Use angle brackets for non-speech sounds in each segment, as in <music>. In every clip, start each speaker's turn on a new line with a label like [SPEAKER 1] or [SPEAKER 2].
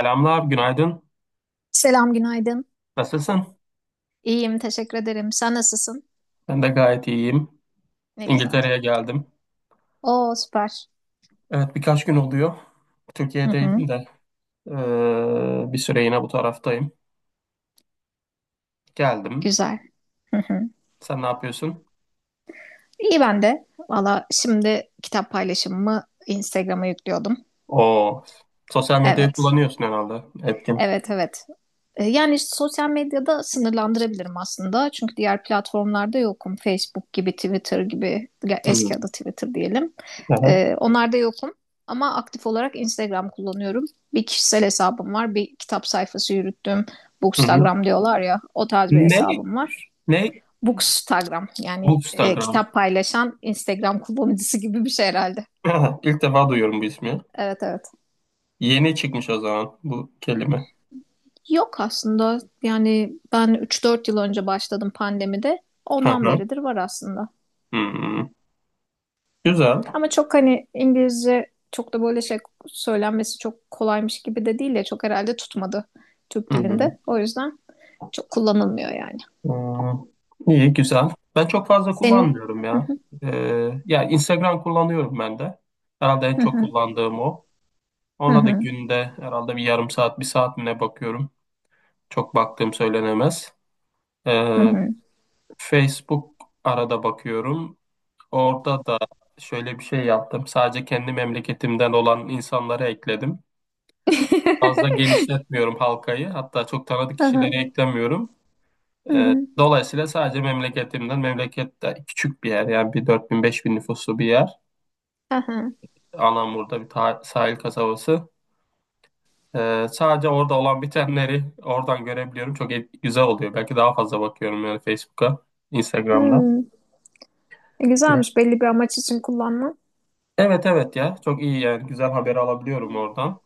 [SPEAKER 1] Selamlar, günaydın.
[SPEAKER 2] Selam, günaydın.
[SPEAKER 1] Nasılsın?
[SPEAKER 2] İyiyim, teşekkür ederim. Sen nasılsın?
[SPEAKER 1] Ben de gayet iyiyim.
[SPEAKER 2] Ne güzel.
[SPEAKER 1] İngiltere'ye geldim.
[SPEAKER 2] Oo, süper.
[SPEAKER 1] Evet, birkaç gün oluyor.
[SPEAKER 2] Hı hı,
[SPEAKER 1] Türkiye'deydim de bir süre yine bu taraftayım. Geldim.
[SPEAKER 2] güzel. Hı hı.
[SPEAKER 1] Sen ne yapıyorsun?
[SPEAKER 2] İyi ben de. Valla şimdi kitap paylaşımımı Instagram'a yüklüyordum.
[SPEAKER 1] O sosyal medyayı
[SPEAKER 2] Evet,
[SPEAKER 1] kullanıyorsun herhalde. Etkin.
[SPEAKER 2] evet, evet. Yani işte sosyal medyada sınırlandırabilirim aslında. Çünkü diğer platformlarda yokum. Facebook gibi, Twitter gibi, ya
[SPEAKER 1] Hı hı.
[SPEAKER 2] eski adı Twitter diyelim.
[SPEAKER 1] Aha.
[SPEAKER 2] Onlarda yokum. Ama aktif olarak Instagram kullanıyorum. Bir kişisel hesabım var. Bir kitap sayfası yürüttüm.
[SPEAKER 1] Hı hı.
[SPEAKER 2] Bookstagram diyorlar ya. O tarz bir
[SPEAKER 1] Ne?
[SPEAKER 2] hesabım var.
[SPEAKER 1] Ne?
[SPEAKER 2] Bookstagram yani
[SPEAKER 1] Bookstagram.
[SPEAKER 2] kitap paylaşan Instagram kullanıcısı gibi bir şey herhalde.
[SPEAKER 1] Aha, <clears throat> İlk defa duyuyorum bu ismi.
[SPEAKER 2] Evet evet.
[SPEAKER 1] Yeni çıkmış o zaman bu kelime.
[SPEAKER 2] Yok aslında yani ben üç dört yıl önce başladım pandemide.
[SPEAKER 1] Hı
[SPEAKER 2] Ondan
[SPEAKER 1] hı.
[SPEAKER 2] beridir var aslında.
[SPEAKER 1] Hı. Güzel.
[SPEAKER 2] Ama çok hani İngilizce çok da böyle şey söylenmesi çok kolaymış gibi de değil ya çok herhalde tutmadı Türk
[SPEAKER 1] Hı hı.
[SPEAKER 2] dilinde. O yüzden çok kullanılmıyor yani.
[SPEAKER 1] Ee, iyi, güzel. Ben çok fazla
[SPEAKER 2] Senin
[SPEAKER 1] kullanmıyorum ya. Yani Instagram kullanıyorum ben de. Herhalde en çok kullandığım o. Ona da
[SPEAKER 2] <laughs>
[SPEAKER 1] günde herhalde bir yarım saat, bir saat mi ne bakıyorum. Çok baktığım söylenemez. Ee, Facebook arada bakıyorum. Orada da şöyle bir şey yaptım. Sadece kendi memleketimden olan insanları ekledim. Fazla genişletmiyorum halkayı. Hatta çok tanıdık kişileri eklemiyorum. Dolayısıyla sadece memleketimden, memleket de küçük bir yer yani bir 4000 bin nüfuslu bir yer. Anamur'da sahil kasabası. Sadece orada olan bitenleri oradan görebiliyorum. Güzel oluyor. Belki daha fazla bakıyorum yani Facebook'a, Instagram'da. Evet,
[SPEAKER 2] Güzelmiş, belli bir amaç için kullanma.
[SPEAKER 1] evet ya çok iyi yani güzel haberi alabiliyorum oradan.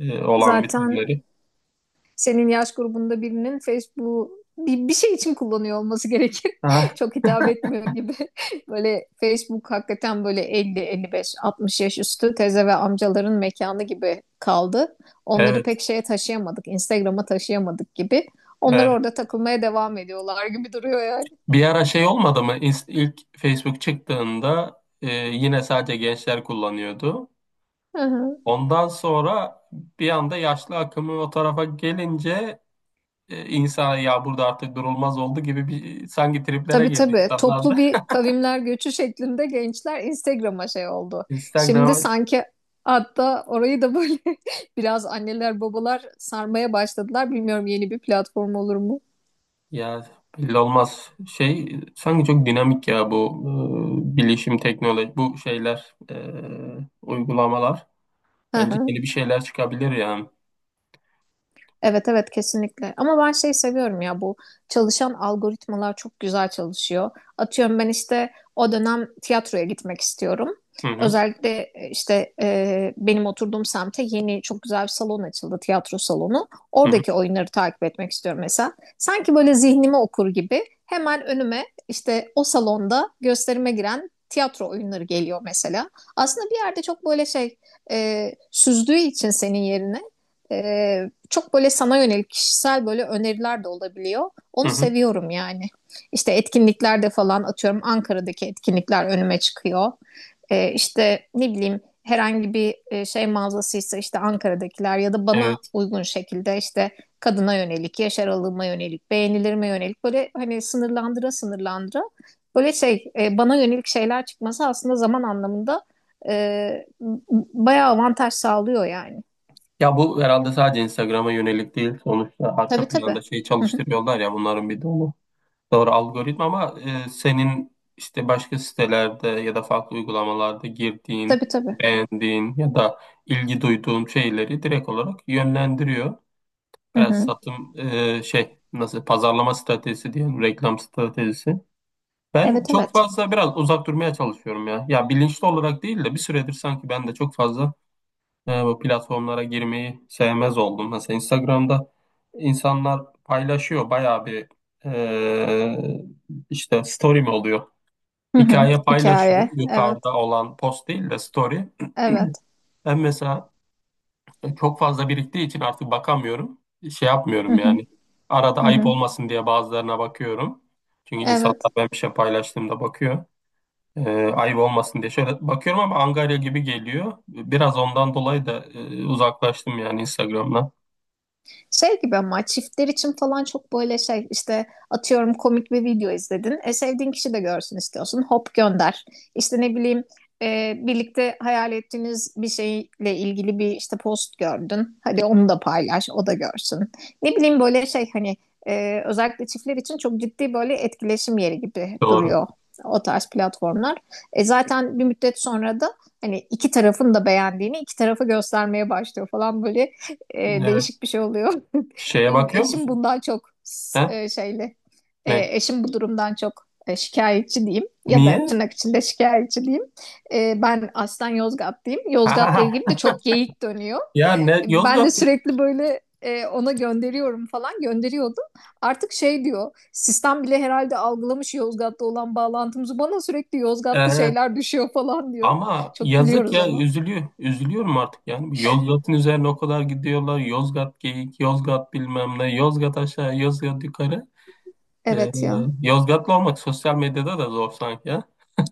[SPEAKER 1] Olan
[SPEAKER 2] Zaten
[SPEAKER 1] bitenleri.
[SPEAKER 2] senin yaş grubunda birinin Facebook bir şey için kullanıyor olması gerekir. <laughs>
[SPEAKER 1] Ha,
[SPEAKER 2] Çok hitap etmiyor gibi. <laughs> Böyle Facebook hakikaten böyle elli, elli beş, altmış yaş üstü teze ve amcaların mekanı gibi kaldı. Onları
[SPEAKER 1] evet,
[SPEAKER 2] pek şeye taşıyamadık, Instagram'a taşıyamadık gibi. Onlar
[SPEAKER 1] evet.
[SPEAKER 2] orada takılmaya devam ediyorlar gibi duruyor yani.
[SPEAKER 1] Bir ara şey olmadı mı? İlk Facebook çıktığında yine sadece gençler kullanıyordu. Ondan sonra bir anda yaşlı akımı o tarafa gelince insana ya burada artık durulmaz oldu gibi bir sanki triplere
[SPEAKER 2] Tabii
[SPEAKER 1] girdi
[SPEAKER 2] tabii.
[SPEAKER 1] insanlar da.
[SPEAKER 2] Toplu
[SPEAKER 1] <laughs>
[SPEAKER 2] bir kavimler göçü şeklinde gençler Instagram'a şey oldu. Şimdi
[SPEAKER 1] Instagram'a
[SPEAKER 2] sanki hatta orayı da böyle <laughs> biraz anneler babalar sarmaya başladılar. Bilmiyorum, yeni bir platform olur mu?
[SPEAKER 1] ya belli olmaz. Şey sanki çok dinamik ya bu bilişim teknoloji bu şeyler uygulamalar. Bence yeni
[SPEAKER 2] <laughs>
[SPEAKER 1] bir şeyler çıkabilir yani.
[SPEAKER 2] Evet evet, kesinlikle. Ama ben şey seviyorum ya, bu çalışan algoritmalar çok güzel çalışıyor. Atıyorum ben işte o dönem tiyatroya gitmek istiyorum.
[SPEAKER 1] Hı hı,
[SPEAKER 2] Özellikle işte benim oturduğum semte yeni çok güzel bir salon açıldı, tiyatro salonu.
[SPEAKER 1] hı hı,
[SPEAKER 2] Oradaki oyunları takip etmek istiyorum mesela. Sanki böyle zihnimi okur gibi hemen önüme işte o salonda gösterime giren tiyatro oyunları geliyor mesela. Aslında bir yerde çok böyle şey süzdüğü için senin yerine çok böyle sana yönelik kişisel böyle öneriler de olabiliyor.
[SPEAKER 1] hı
[SPEAKER 2] Onu
[SPEAKER 1] hı.
[SPEAKER 2] seviyorum yani. İşte etkinliklerde falan atıyorum Ankara'daki etkinlikler önüme çıkıyor. İşte ne bileyim herhangi bir şey mağazasıysa işte Ankara'dakiler ya da bana
[SPEAKER 1] Evet.
[SPEAKER 2] uygun şekilde işte kadına yönelik, yaş aralığıma yönelik, beğenilerime yönelik böyle hani sınırlandıra sınırlandıra böyle şey bana yönelik şeyler çıkması aslında zaman anlamında e, bayağı avantaj sağlıyor yani.
[SPEAKER 1] Ya bu herhalde sadece Instagram'a yönelik değil. Sonuçta arka
[SPEAKER 2] Tabii tabii.
[SPEAKER 1] planda şey
[SPEAKER 2] Hı hı.
[SPEAKER 1] çalıştırıyorlar ya bunların bir dolu. Doğru algoritma ama senin işte başka sitelerde ya da farklı uygulamalarda girdiğin,
[SPEAKER 2] Tabii tabii.
[SPEAKER 1] beğendiğin ya da ilgi duyduğun şeyleri direkt olarak yönlendiriyor.
[SPEAKER 2] Hı
[SPEAKER 1] Biraz
[SPEAKER 2] hı.
[SPEAKER 1] satım şey nasıl pazarlama stratejisi diyelim, reklam stratejisi. Ben
[SPEAKER 2] Evet
[SPEAKER 1] çok
[SPEAKER 2] evet.
[SPEAKER 1] fazla biraz uzak durmaya çalışıyorum ya. Ya bilinçli olarak değil de bir süredir sanki ben de çok fazla bu platformlara girmeyi sevmez oldum. Mesela Instagram'da insanlar paylaşıyor bayağı bir işte story mi oluyor?
[SPEAKER 2] Hı hı.
[SPEAKER 1] Hikaye paylaşıyor.
[SPEAKER 2] Hikaye. Evet.
[SPEAKER 1] Yukarıda olan post değil de story. <clears throat>
[SPEAKER 2] Evet.
[SPEAKER 1] Ben mesela çok fazla biriktiği için artık bakamıyorum. Şey
[SPEAKER 2] Hı
[SPEAKER 1] yapmıyorum
[SPEAKER 2] hı.
[SPEAKER 1] yani. Arada
[SPEAKER 2] Hı
[SPEAKER 1] ayıp
[SPEAKER 2] hı.
[SPEAKER 1] olmasın diye bazılarına bakıyorum. Çünkü insanlar
[SPEAKER 2] Evet.
[SPEAKER 1] ben bir şey paylaştığımda bakıyor. E, Ayıp olmasın diye şöyle bakıyorum ama angarya gibi geliyor. Biraz ondan dolayı da uzaklaştım yani Instagram'dan.
[SPEAKER 2] Şey gibi ama çiftler için falan çok böyle şey işte atıyorum komik bir video izledin. E, sevdiğin kişi de görsün istiyorsun. Hop gönder. İşte ne bileyim birlikte hayal ettiğiniz bir şeyle ilgili bir işte post gördün. Hadi onu da paylaş, o da görsün. Ne bileyim böyle şey hani özellikle çiftler için çok ciddi böyle etkileşim yeri gibi
[SPEAKER 1] Doğru.
[SPEAKER 2] duruyor o tarz platformlar. E, zaten bir müddet sonra da hani iki tarafın da beğendiğini iki tarafa göstermeye başlıyor falan böyle
[SPEAKER 1] Evet.
[SPEAKER 2] değişik bir şey oluyor. <laughs>
[SPEAKER 1] Şeye
[SPEAKER 2] Benim
[SPEAKER 1] bakıyor
[SPEAKER 2] eşim
[SPEAKER 1] musun?
[SPEAKER 2] bundan çok
[SPEAKER 1] He?
[SPEAKER 2] şeyli.
[SPEAKER 1] Ne?
[SPEAKER 2] E, eşim bu durumdan çok şikayetçi diyeyim ya da
[SPEAKER 1] Niye?
[SPEAKER 2] tırnak içinde şikayetçi diyeyim. E, ben aslen Yozgatlıyım. Yozgat'la ilgili de çok geyik dönüyor.
[SPEAKER 1] <laughs> Ya ne
[SPEAKER 2] Ben
[SPEAKER 1] Yozgat?
[SPEAKER 2] de sürekli böyle ona gönderiyorum falan gönderiyordum. Artık şey diyor, sistem bile herhalde algılamış Yozgat'ta olan bağlantımızı, bana sürekli Yozgatlı
[SPEAKER 1] e,
[SPEAKER 2] şeyler düşüyor falan diyor.
[SPEAKER 1] Ama
[SPEAKER 2] Çok
[SPEAKER 1] yazık
[SPEAKER 2] gülüyoruz
[SPEAKER 1] ya
[SPEAKER 2] ona.
[SPEAKER 1] üzülüyor. Üzülüyorum artık yani. Yozgat'ın üzerine o kadar gidiyorlar. Yozgat geyik, Yozgat bilmem ne, Yozgat aşağı, Yozgat yukarı. Ee,
[SPEAKER 2] Evet ya.
[SPEAKER 1] Yozgatlı olmak sosyal medyada da zor sanki ya.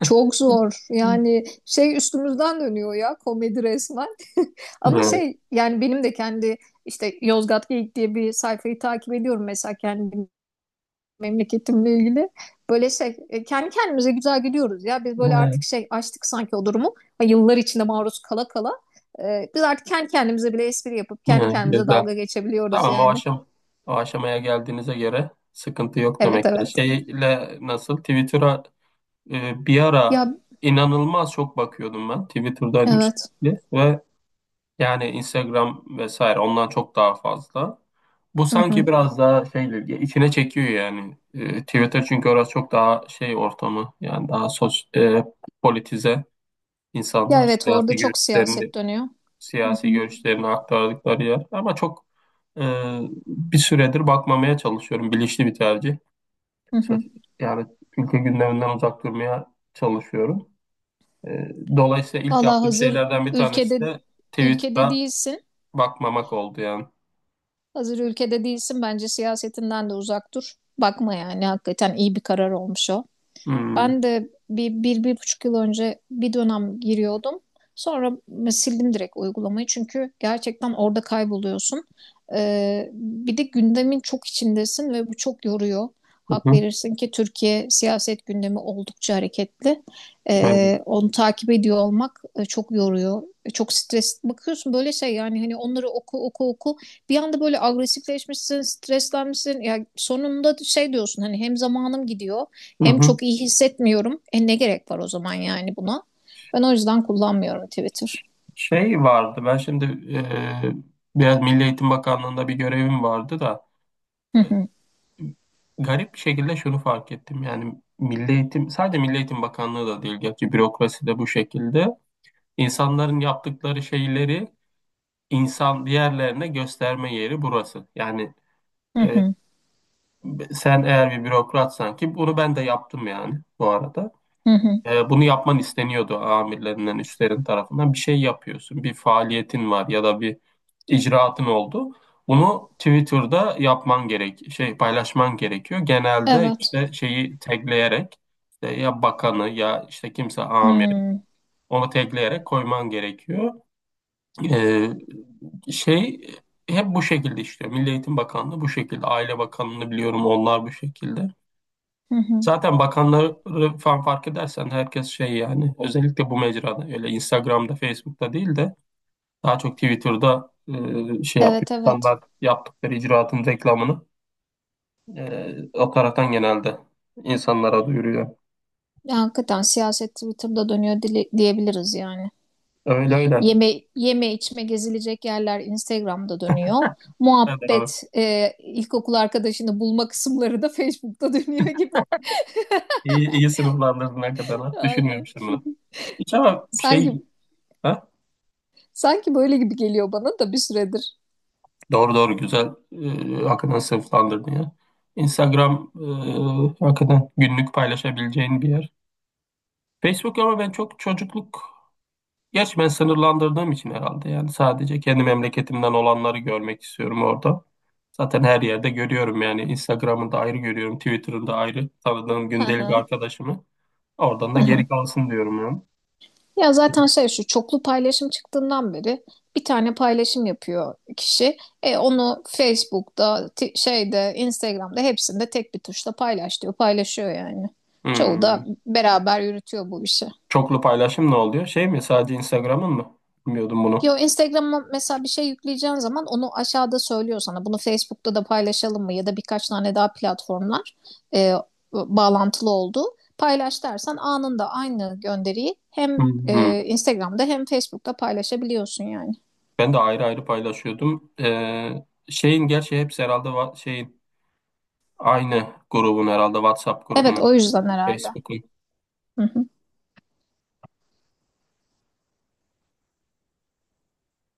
[SPEAKER 2] Çok zor. Yani şey üstümüzden dönüyor ya, komedi resmen. <laughs> Ama
[SPEAKER 1] Evet,
[SPEAKER 2] şey yani benim de kendi işte Yozgat Geyik diye bir sayfayı takip ediyorum mesela kendi memleketimle ilgili. Böyle şey kendi kendimize güzel gülüyoruz ya. Biz böyle
[SPEAKER 1] evet,
[SPEAKER 2] artık şey açtık sanki o durumu. Ha, yıllar içinde maruz kala kala. Biz artık kendi kendimize bile espri yapıp kendi
[SPEAKER 1] evet,
[SPEAKER 2] kendimize
[SPEAKER 1] güzel.
[SPEAKER 2] dalga geçebiliyoruz
[SPEAKER 1] Tamam
[SPEAKER 2] yani.
[SPEAKER 1] o aşamaya geldiğinize göre sıkıntı yok demek
[SPEAKER 2] Evet
[SPEAKER 1] ki.
[SPEAKER 2] evet.
[SPEAKER 1] Şeyle nasıl Twitter'a bir ara
[SPEAKER 2] Ya
[SPEAKER 1] inanılmaz çok bakıyordum ben. Twitter'daydım
[SPEAKER 2] evet.
[SPEAKER 1] sürekli ve yani Instagram vesaire ondan çok daha fazla. Bu
[SPEAKER 2] Hı
[SPEAKER 1] sanki
[SPEAKER 2] hı.
[SPEAKER 1] biraz daha şeydir ya içine çekiyor yani. Twitter çünkü orası çok daha şey ortamı yani politize
[SPEAKER 2] Ya
[SPEAKER 1] insanlar
[SPEAKER 2] evet, orada çok siyaset dönüyor. Hı hı.
[SPEAKER 1] siyasi görüşlerini aktardıkları yer. Ama çok e, bir süredir bakmamaya çalışıyorum. Bilinçli bir tercih.
[SPEAKER 2] Hı
[SPEAKER 1] Sos-
[SPEAKER 2] hı.
[SPEAKER 1] Yani ülke gündeminden uzak durmaya çalışıyorum. E, Dolayısıyla ilk
[SPEAKER 2] Valla
[SPEAKER 1] yaptığım
[SPEAKER 2] hazır
[SPEAKER 1] şeylerden bir tanesi
[SPEAKER 2] ülkede
[SPEAKER 1] de
[SPEAKER 2] ülkede
[SPEAKER 1] Twitter'a
[SPEAKER 2] değilsin.
[SPEAKER 1] bakmamak oldu yani.
[SPEAKER 2] Hazır ülkede değilsin. Bence siyasetinden de uzak dur. Bakma yani, hakikaten iyi bir karar olmuş o.
[SPEAKER 1] Hmm.
[SPEAKER 2] Ben de bir buçuk yıl önce bir dönem giriyordum. Sonra sildim direkt uygulamayı çünkü gerçekten orada kayboluyorsun. Bir de gündemin çok içindesin ve bu çok yoruyor.
[SPEAKER 1] Hı
[SPEAKER 2] Hak
[SPEAKER 1] hı,
[SPEAKER 2] verirsin ki Türkiye siyaset gündemi oldukça hareketli.
[SPEAKER 1] evet.
[SPEAKER 2] Onu takip ediyor olmak çok yoruyor. Çok stres. Bakıyorsun böyle şey yani hani onları oku oku oku. Bir anda böyle agresifleşmişsin, streslenmişsin. Ya sonunda şey diyorsun hani hem zamanım gidiyor
[SPEAKER 1] Hı
[SPEAKER 2] hem
[SPEAKER 1] hı.
[SPEAKER 2] çok iyi hissetmiyorum. E ne gerek var o zaman yani buna? Ben o yüzden kullanmıyorum Twitter.
[SPEAKER 1] Şey vardı ben şimdi e, biraz Milli Eğitim Bakanlığı'nda bir görevim vardı da
[SPEAKER 2] Hı
[SPEAKER 1] e,
[SPEAKER 2] hı,
[SPEAKER 1] garip bir şekilde şunu fark ettim yani Milli Eğitim sadece Milli Eğitim Bakanlığı da değil gerçi bürokrasi de bu şekilde insanların yaptıkları şeyleri insan diğerlerine gösterme yeri burası yani
[SPEAKER 2] hı
[SPEAKER 1] e,
[SPEAKER 2] hı,
[SPEAKER 1] sen eğer bir bürokratsan ki bunu ben de yaptım yani bu arada.
[SPEAKER 2] hı hı.
[SPEAKER 1] Bunu yapman isteniyordu amirlerinden, üstlerin tarafından. Bir şey yapıyorsun, bir faaliyetin var ya da bir icraatın oldu. Bunu Twitter'da yapman gerek, şey paylaşman gerekiyor. Genelde
[SPEAKER 2] Evet.
[SPEAKER 1] işte şeyi tagleyerek işte ya bakanı ya işte kimse amiri
[SPEAKER 2] Hmm,
[SPEAKER 1] onu tagleyerek koyman gerekiyor. E, Şey hep bu şekilde işliyor. Milli Eğitim Bakanlığı bu şekilde, Aile Bakanlığı'nı biliyorum onlar bu şekilde.
[SPEAKER 2] hı hı.
[SPEAKER 1] Zaten bakanları falan fark edersen herkes şey yani özellikle bu mecrada öyle Instagram'da, Facebook'ta değil de daha çok Twitter'da şey yapıyor.
[SPEAKER 2] Evet evet.
[SPEAKER 1] İnsanlar yaptıkları icraatın reklamını o taraftan genelde insanlara duyuruyor.
[SPEAKER 2] Ya hakikaten siyaset Twitter'da dönüyor diyebiliriz yani.
[SPEAKER 1] Öyle öyle.
[SPEAKER 2] Yeme, yeme içme gezilecek yerler Instagram'da dönüyor.
[SPEAKER 1] Evet, doğru.
[SPEAKER 2] Muhabbet ilkokul arkadaşını bulma kısımları da Facebook'ta dönüyor gibi.
[SPEAKER 1] İyi, iyi sınıflandırdın hakikaten, ha.
[SPEAKER 2] <laughs> Aynen.
[SPEAKER 1] Düşünmemiştim bunu. Hiç ama şey,
[SPEAKER 2] Sanki
[SPEAKER 1] ha?
[SPEAKER 2] sanki böyle gibi geliyor bana da bir süredir.
[SPEAKER 1] Doğru doğru güzel hakikaten sınıflandırdın ya. Instagram hakikaten günlük paylaşabileceğin bir yer. Facebook ama ben çok çocukluk, gerçi ben sınırlandırdığım için herhalde yani sadece kendi memleketimden olanları görmek istiyorum orada. Zaten her yerde görüyorum yani Instagram'ında ayrı görüyorum, Twitter'ında da ayrı tanıdığım
[SPEAKER 2] Hı
[SPEAKER 1] gündelik
[SPEAKER 2] hı.
[SPEAKER 1] arkadaşımı. Oradan da
[SPEAKER 2] Hı hı.
[SPEAKER 1] geri kalsın diyorum yani.
[SPEAKER 2] Ya zaten şey şu çoklu paylaşım çıktığından beri bir tane paylaşım yapıyor kişi. E onu Facebook'ta, şeyde, Instagram'da hepsinde tek bir tuşla paylaş diyor. Paylaşıyor yani. Çoğu
[SPEAKER 1] Hmm.
[SPEAKER 2] da beraber yürütüyor bu işi.
[SPEAKER 1] Çoklu paylaşım ne oluyor? Şey mi sadece Instagram'ın mı? Bilmiyordum bunu.
[SPEAKER 2] Yo, Instagram'a mesela bir şey yükleyeceğin zaman onu aşağıda söylüyor sana. Bunu Facebook'ta da paylaşalım mı ya da birkaç tane daha platformlar e, bağlantılı olduğu. Paylaş dersen anında aynı gönderiyi hem
[SPEAKER 1] Hmm.
[SPEAKER 2] Instagram'da hem Facebook'ta paylaşabiliyorsun yani.
[SPEAKER 1] Ben de ayrı ayrı paylaşıyordum. Şeyin gerçi hepsi herhalde şeyin aynı grubun herhalde WhatsApp
[SPEAKER 2] Evet,
[SPEAKER 1] grubunun,
[SPEAKER 2] o yüzden herhalde.
[SPEAKER 1] Facebook'un.
[SPEAKER 2] Hı hı.